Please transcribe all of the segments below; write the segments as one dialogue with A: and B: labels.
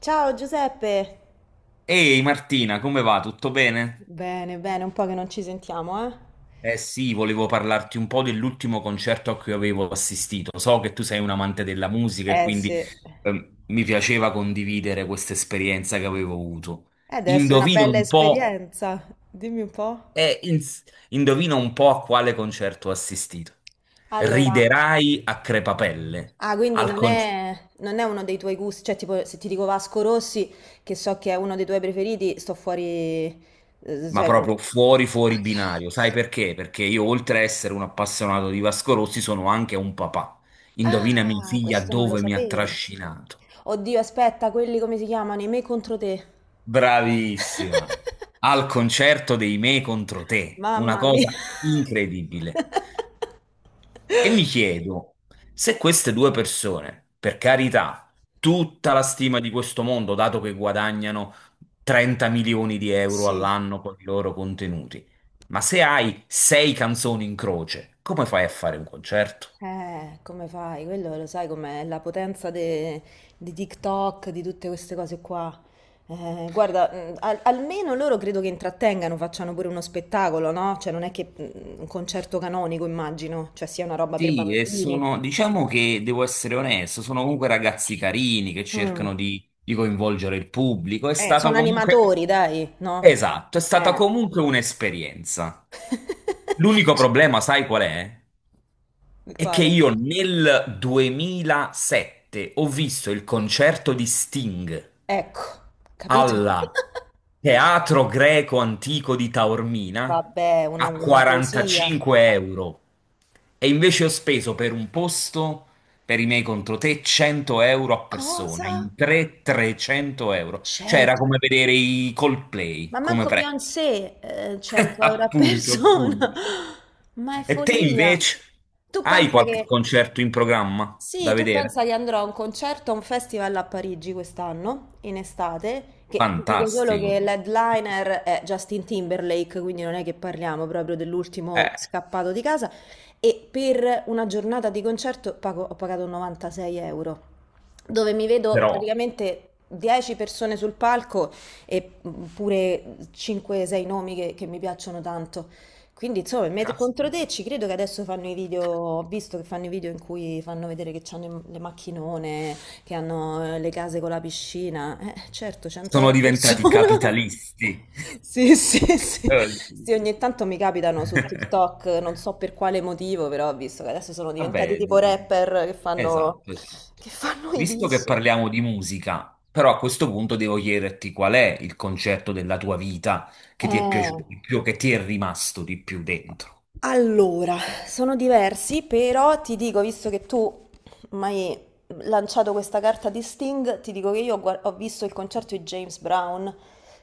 A: Ciao Giuseppe!
B: Ehi Martina, come va? Tutto bene?
A: Bene, bene, un po' che non ci sentiamo, eh?
B: Eh sì, volevo parlarti un po' dell'ultimo concerto a cui avevo assistito. So che tu sei un amante della musica e
A: Eh sì,
B: quindi
A: eh,
B: mi piaceva condividere questa esperienza che avevo avuto.
A: deve essere una
B: Indovina
A: bella
B: un po',
A: esperienza. Dimmi un po'.
B: eh, ins- indovina un po' a quale concerto ho assistito.
A: Allora,
B: Riderai a crepapelle.
A: ah, quindi
B: Al
A: non
B: concerto.
A: è, non è uno dei tuoi gusti, cioè tipo se ti dico Vasco Rossi, che so che è uno dei tuoi preferiti, sto fuori. eh,
B: Ma
A: Cioè, non-
B: proprio fuori fuori
A: Ok.
B: binario. Sai perché? Perché io, oltre a essere un appassionato di Vasco Rossi, sono anche un papà. Indovina mia
A: Ah,
B: figlia
A: questo non lo
B: dove mi ha
A: sapevo.
B: trascinato.
A: Oddio, aspetta, quelli come si chiamano? I Me contro te.
B: Bravissima! Al concerto dei Me contro te. Una
A: Mamma
B: cosa
A: mia.
B: incredibile. E mi chiedo se queste due persone, per carità, tutta la stima di questo mondo, dato che guadagnano 30 milioni di euro
A: Sì.
B: all'anno con i loro contenuti, ma se hai sei canzoni in croce, come fai a fare un concerto?
A: Come fai? Quello lo sai com'è, la potenza di TikTok, di tutte queste cose qua. Guarda, almeno loro credo che intrattengano, facciano pure uno spettacolo, no? Cioè non è che un concerto canonico, immagino, cioè sia una roba per
B: Sì, e
A: bambini.
B: sono, diciamo che devo essere onesto, sono comunque ragazzi carini che
A: Mm.
B: cercano di coinvolgere il pubblico.
A: Sono animatori, dai, no?
B: Esatto, è stata
A: Eh.
B: comunque un'esperienza. L'unico problema, sai qual è? È che
A: Quale?
B: io nel 2007 ho visto il concerto di Sting
A: Ecco, capito?
B: alla Teatro Greco Antico di Taormina
A: Vabbè, una,
B: a
A: una poesia.
B: 45 euro e invece ho speso per un posto per i miei contro te 100 euro a persona,
A: Cosa?
B: in tre 300 euro. Cioè era
A: 100?
B: come vedere i Coldplay
A: Ma
B: come
A: manco
B: prezzo.
A: Beyoncé, 100 euro a
B: Appunto, appunto.
A: persona, ma è
B: E te
A: follia.
B: invece
A: Tu
B: hai
A: pensa
B: qualche
A: che,
B: concerto in programma
A: sì,
B: da
A: tu
B: vedere?
A: pensa che andrò a un concerto, a un festival a Parigi quest'anno, in estate, che ti dico solo che
B: Fantastico.
A: l'headliner è Justin Timberlake, quindi non è che parliamo proprio dell'ultimo
B: Eh,
A: scappato di casa, e per una giornata di concerto ho pagato 96 euro, dove mi vedo
B: però,
A: praticamente 10 persone sul palco e pure 5-6 nomi che mi piacciono tanto. Quindi, insomma, Me
B: caspita,
A: contro te ci credo che adesso fanno i video, ho visto che fanno i video in cui fanno vedere che hanno le macchinone, che hanno le case con la piscina. Certo, 100 euro
B: sono
A: a
B: diventati
A: persona.
B: capitalisti.
A: Sì, sì, sì. Sì,
B: Sì.
A: ogni tanto mi capitano su TikTok, non so per quale motivo, però ho visto che adesso sono diventati
B: Vabbè,
A: tipo rapper che fanno,
B: esatto, esatto.
A: che fanno i
B: Visto che
A: diss.
B: parliamo di musica, però a questo punto devo chiederti qual è il concerto della tua vita che ti è
A: Eh.
B: piaciuto di più, che ti è rimasto di più dentro.
A: Allora, sono diversi, però ti dico, visto che tu mi hai lanciato questa carta di Sting, ti dico che io ho visto il concerto di James Brown,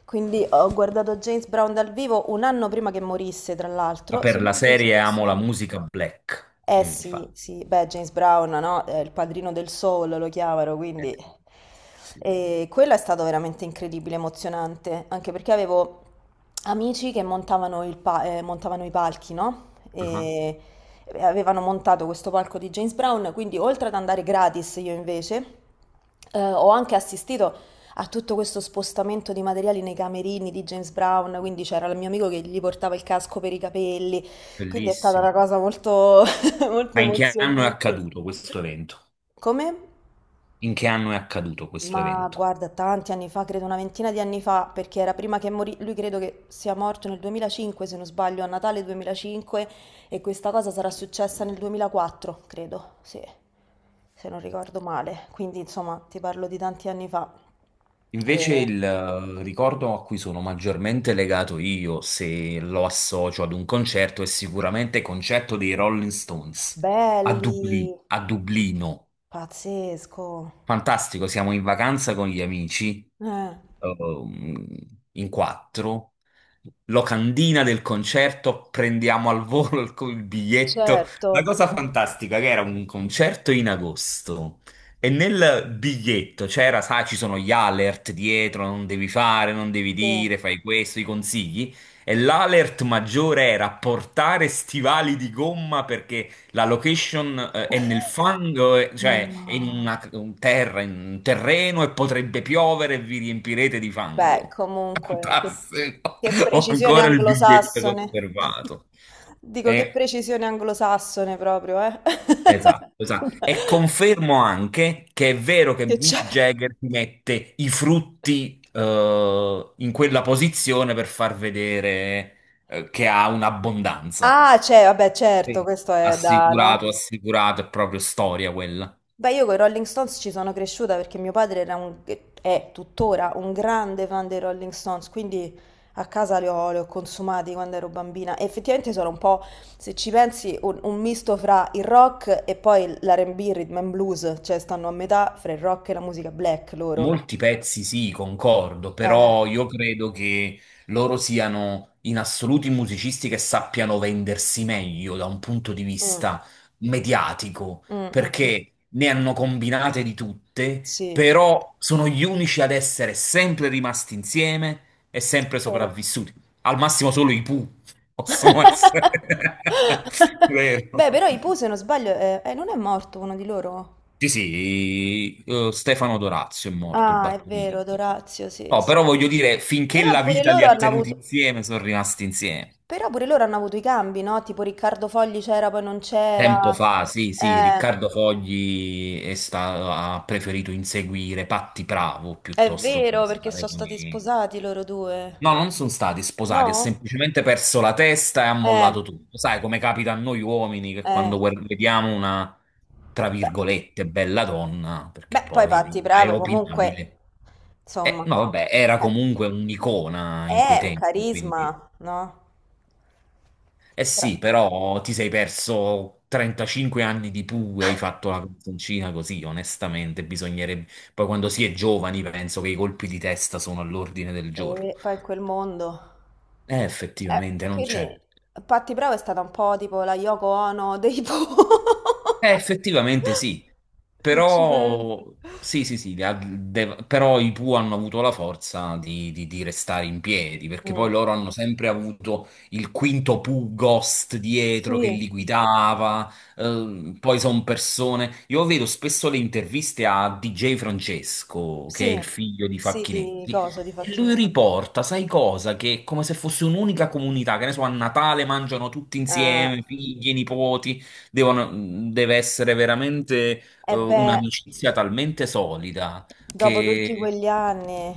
A: quindi ho guardato James Brown dal vivo un anno prima che morisse, tra
B: Ma
A: l'altro, se
B: per la
A: non lo
B: serie amo
A: stesso
B: la
A: anno.
B: musica black,
A: Eh sì,
B: infatti.
A: sì, beh, James Brown, no? È il padrino del soul, lo chiamano,
B: Eh
A: quindi.
B: sì, sicuramente.
A: E quello è stato veramente incredibile, emozionante, anche perché avevo amici che montavano, montavano i palchi, no?
B: Ah,
A: E avevano montato questo palco di James Brown, quindi oltre ad andare gratis io invece, ho anche assistito a tutto questo spostamento di materiali nei camerini di James Brown, quindi c'era il mio amico che gli portava il casco per i capelli, quindi è stata una
B: bellissimo.
A: cosa molto molto
B: Ma in che anno è
A: emozionante.
B: accaduto questo evento?
A: Come?
B: In che anno è accaduto questo
A: Ma
B: evento?
A: guarda, tanti anni fa, credo una ventina di anni fa, perché era prima che morì, lui credo che sia morto nel 2005, se non sbaglio, a Natale 2005, e questa cosa sarà successa nel 2004, credo, sì, se non ricordo male. Quindi, insomma, ti parlo di tanti anni fa.
B: Invece
A: E-
B: il ricordo a cui sono maggiormente legato io, se lo associo ad un concerto, è sicuramente il concerto dei Rolling Stones a Dublino,
A: belli,
B: a Dublino.
A: pazzesco.
B: Fantastico, siamo in vacanza con gli amici,
A: Eh,
B: ehm, in quattro. Locandina del concerto, prendiamo al volo il biglietto. La
A: certo,
B: cosa fantastica che era un concerto in agosto e nel biglietto c'era, sai, ci sono gli alert dietro, non devi fare, non devi
A: sì.
B: dire, fai questo, i consigli. E l'alert maggiore era portare stivali di gomma perché la location è nel fango,
A: No.
B: cioè è in un terreno e potrebbe piovere e vi riempirete di
A: Beh,
B: fango.
A: comunque, che,
B: Fantastico!
A: che
B: Ho
A: precisione
B: ancora il biglietto
A: anglosassone.
B: conservato.
A: Dico che
B: E-
A: precisione anglosassone proprio, eh.
B: esatto, esatto. E confermo anche che è vero che
A: Che
B: Mick
A: c'era.
B: Jagger ti mette i frutti in quella posizione per far vedere che ha un'abbondanza.
A: Ah, c'è, vabbè, certo,
B: Sì.
A: questo è da,
B: Assicurato,
A: no?
B: assicurato, è proprio storia quella.
A: Beh, io con i Rolling Stones ci sono cresciuta perché mio padre è tuttora un grande fan dei Rolling Stones, quindi a casa li ho consumati quando ero bambina. E effettivamente sono un po', se ci pensi, un misto fra il rock e poi l'R&B, rhythm and blues, cioè stanno a metà fra il rock e la musica black loro.
B: Molti pezzi sì, concordo,
A: Eh,
B: però io credo che loro siano in assoluti musicisti che sappiano vendersi meglio da un punto di
A: mm,
B: vista mediatico,
A: mm, mm, mm,
B: perché ne hanno combinate di tutte,
A: sì,
B: però sono gli unici ad essere sempre rimasti insieme e sempre
A: vero.
B: sopravvissuti. Al massimo solo i Pooh possono essere. Vero.
A: Beh, però i Pooh, se non sbaglio, non è morto uno di loro?
B: Sì, sì, Stefano Dorazio è morto, il
A: Ah, è vero,
B: batterista.
A: Dorazio, sì,
B: No, però
A: sì.
B: voglio dire, finché
A: Però
B: la
A: pure
B: vita li
A: loro
B: ha
A: hanno
B: tenuti
A: avuto,
B: insieme, sono rimasti insieme.
A: però pure loro hanno avuto i cambi, no? Tipo Riccardo Fogli c'era, poi non c'era.
B: Tempo fa, sì, sì,
A: Eh,
B: Riccardo Fogli ha preferito inseguire Patti Bravo
A: è
B: piuttosto che
A: vero, perché
B: stare
A: sono
B: con
A: stati
B: i...
A: sposati loro
B: No,
A: due.
B: non sono stati sposati, ha
A: No?
B: semplicemente perso la testa e ha
A: Eh,
B: mollato tutto. Sai come capita a noi uomini che
A: eh.
B: quando vediamo una, tra
A: Beh,
B: virgolette, bella donna, perché
A: beh, poi Patti
B: poi è
A: Bravo comunque,
B: opinabile.
A: insomma,
B: No, vabbè, era
A: eh,
B: comunque un'icona in quei
A: è un
B: tempi, quindi...
A: carisma, no?
B: Eh
A: Però-
B: sì, però ti sei perso 35 anni di pure, hai fatto la canzoncina così, onestamente, bisognerebbe... Poi quando si è giovani penso che i colpi di testa sono all'ordine del giorno.
A: E poi in quel mondo. Eh,
B: Effettivamente non c'è.
A: quindi Patti Bravo è stata un po' tipo la Yoko Ono dei Po.
B: Effettivamente sì,
A: Se ci pensi.
B: però, sì, sì, sì, però i Pooh hanno avuto la forza di restare in piedi, perché poi
A: Mm,
B: loro hanno sempre avuto il quinto Pooh Ghost dietro che
A: sì,
B: li guidava, poi sono persone... Io vedo spesso le interviste a DJ Francesco, che è il
A: sì,
B: figlio di
A: sì,
B: Facchinetti,
A: di
B: e lui
A: Facchini.
B: riporta, sai cosa? Che è come se fosse un'unica comunità, che ne so, a Natale mangiano tutti
A: Eh,
B: insieme, figli, nipoti deve essere veramente
A: e beh,
B: un'amicizia talmente solida.
A: dopo tutti
B: Che
A: quegli anni.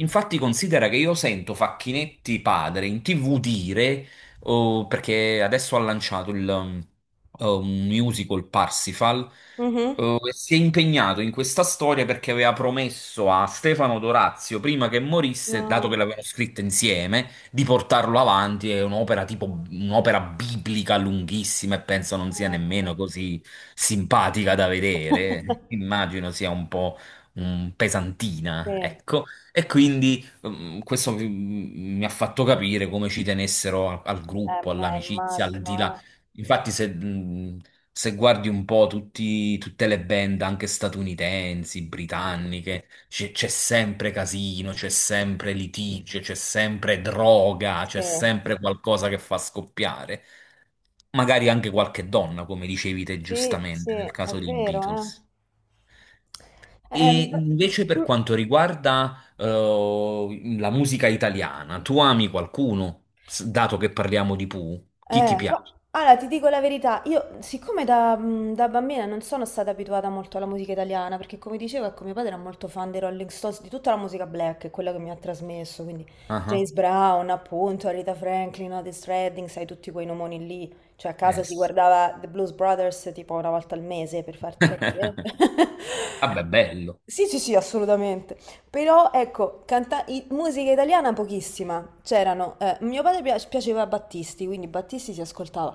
B: Infatti considera che io sento Facchinetti padre in TV dire, oh, perché adesso ha lanciato un musical Parsifal,
A: Mhm.
B: oh, e si è impegnato in questa storia perché aveva promesso a Stefano Dorazio, prima che morisse, dato che
A: No.
B: l'avevano scritta insieme, di portarlo avanti. È un'opera tipo un'opera biblica lunghissima e penso non sia nemmeno così simpatica da vedere. Immagino sia un po'
A: Sì,
B: pesantina,
A: eh
B: ecco. E quindi questo mi ha fatto capire come ci tenessero al gruppo,
A: beh,
B: all'amicizia, al
A: immagino,
B: di là.
A: eh.
B: Infatti, se guardi un po' tutte le band, anche statunitensi, britanniche, c'è sempre casino, c'è sempre litigio, c'è sempre droga, c'è
A: Sì,
B: sempre qualcosa che fa scoppiare. Magari anche qualche donna, come dicevi te
A: sì, sì,
B: giustamente nel
A: è
B: caso dei
A: vero, eh.
B: Beatles. E
A: Beh,
B: invece per
A: mm.
B: quanto riguarda la musica italiana, tu ami qualcuno, dato che parliamo di Pooh? Chi ti piace?
A: Allora, ti dico la verità, io siccome da bambina non sono stata abituata molto alla musica italiana, perché come dicevo, ecco, mio padre era molto fan dei Rolling Stones, di tutta la musica black, è quella che mi ha trasmesso, quindi
B: Ah, ah.
A: James Brown, appunto, Rita Franklin, Otis Redding, sai tutti quei nomoni lì, cioè a casa
B: Eh
A: si
B: sì.
A: guardava The Blues Brothers tipo una volta al mese, per farti capire.
B: Vabbè, bello.
A: Sì, sì, sì, assolutamente. Però ecco, musica italiana pochissima. C'erano, mio padre piaceva Battisti, quindi Battisti si ascoltava.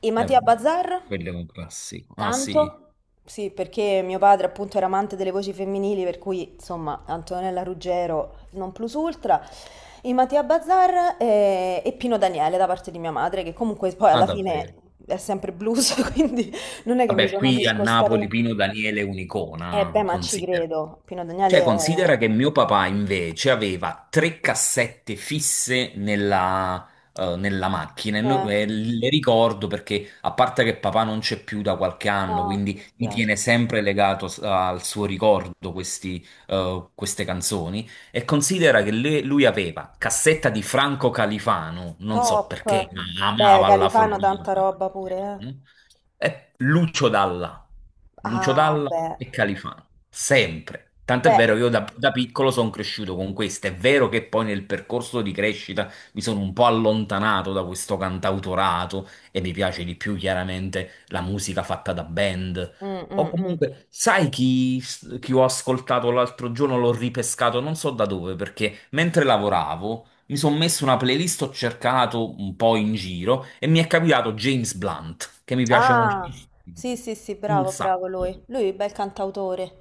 A: E Mattia
B: Vabbè.
A: Bazar?
B: Quello è un classico. Ah sì,
A: Tanto? Sì, perché mio padre appunto era amante delle voci femminili, per cui insomma Antonella Ruggero non plus ultra. E Mattia Bazar e, Pino Daniele da parte di mia madre, che comunque poi
B: ah
A: alla fine
B: davvero.
A: è sempre blues, quindi non è che mi
B: Vabbè,
A: sono
B: qui a
A: discostata.
B: Napoli Pino Daniele è
A: Eh beh,
B: un'icona,
A: ma ci
B: considero.
A: credo, Pino
B: Cioè,
A: Daniele è.
B: considera che mio papà invece aveva tre cassette fisse nella macchina e,
A: Eh.
B: e le ricordo perché, a parte che papà non c'è più da qualche anno,
A: Ah, mi
B: quindi mi
A: dispiace.
B: tiene
A: Mm.
B: sempre legato al suo ricordo queste canzoni. E considera che lui aveva cassetta di Franco Califano, non so
A: Top.
B: perché, ma
A: Beh,
B: amava alla
A: Califano
B: follia.
A: tanta
B: Franco
A: roba pure, eh.
B: Califano, e Lucio Dalla, Lucio
A: Ah,
B: Dalla
A: beh.
B: e Califano sempre. Tant'è
A: Beh.
B: vero che io da piccolo sono cresciuto con questo. È vero che poi nel percorso di crescita mi sono un po' allontanato da questo cantautorato e mi piace di più chiaramente la musica fatta da band.
A: Mm,
B: O
A: mm, mm.
B: comunque, sai chi ho ascoltato l'altro giorno? L'ho ripescato non so da dove, perché mentre lavoravo mi sono messo una playlist, ho cercato un po' in giro e mi è capitato James Blunt, che mi piace
A: Ah,
B: moltissimo.
A: sì, sì, sì,
B: Un
A: bravo, bravo
B: sacco.
A: lui. Lui è un bel cantautore.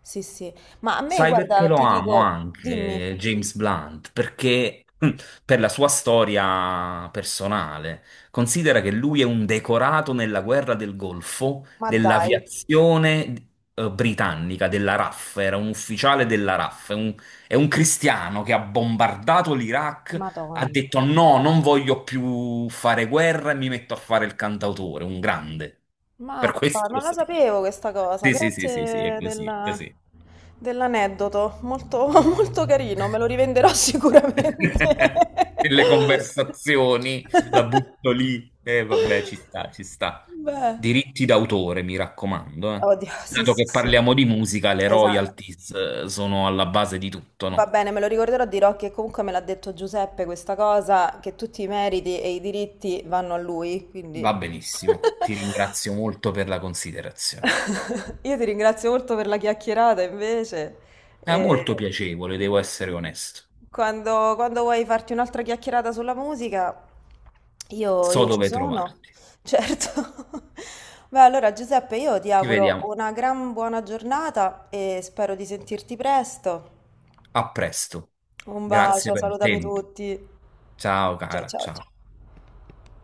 A: Sì, sì. Ma a me,
B: Sai perché
A: guarda,
B: lo
A: ti
B: amo
A: dico, dimmi,
B: anche James Blunt? Perché per la sua storia personale, considera che lui è un decorato nella guerra del Golfo
A: ma dai,
B: dell'aviazione britannica, della RAF, era un ufficiale della RAF, è un cristiano che ha bombardato l'Iraq, ha
A: Madonna.
B: detto no, non voglio più fare guerra e mi metto a fare il cantautore, un grande. Per
A: Mappa,
B: questo lo
A: non la
B: stimo.
A: sapevo questa cosa,
B: Sì, sì, sì, sì, sì, è
A: grazie
B: così, è così.
A: dell'aneddoto, molto, molto carino, me lo rivenderò sicuramente.
B: Nelle conversazioni la butto lì e vabbè, ci sta, ci sta.
A: Beh,
B: Diritti d'autore, mi raccomando, eh.
A: oddio, sì,
B: Dato
A: sì,
B: che
A: sì,
B: parliamo di musica, le
A: esatto,
B: royalties sono alla base di tutto,
A: va
B: no?
A: bene, me lo ricorderò, dirò che comunque me l'ha detto Giuseppe questa cosa, che tutti i meriti e i diritti vanno a lui,
B: Va
A: quindi.
B: benissimo. Ti ringrazio molto per la considerazione.
A: Io ti ringrazio molto per la chiacchierata invece.
B: È molto
A: E
B: piacevole, devo essere onesto.
A: quando vuoi farti un'altra chiacchierata sulla musica, io,
B: So
A: io ci
B: dove
A: sono,
B: trovarti.
A: certo. Beh, allora Giuseppe, io ti
B: Ci
A: auguro
B: vediamo.
A: una gran buona giornata e spero di sentirti presto.
B: A presto.
A: Un
B: Grazie
A: bacio,
B: per il
A: salutami
B: tempo.
A: tutti.
B: Ciao
A: Ciao
B: cara,
A: ciao
B: ciao.
A: ciao.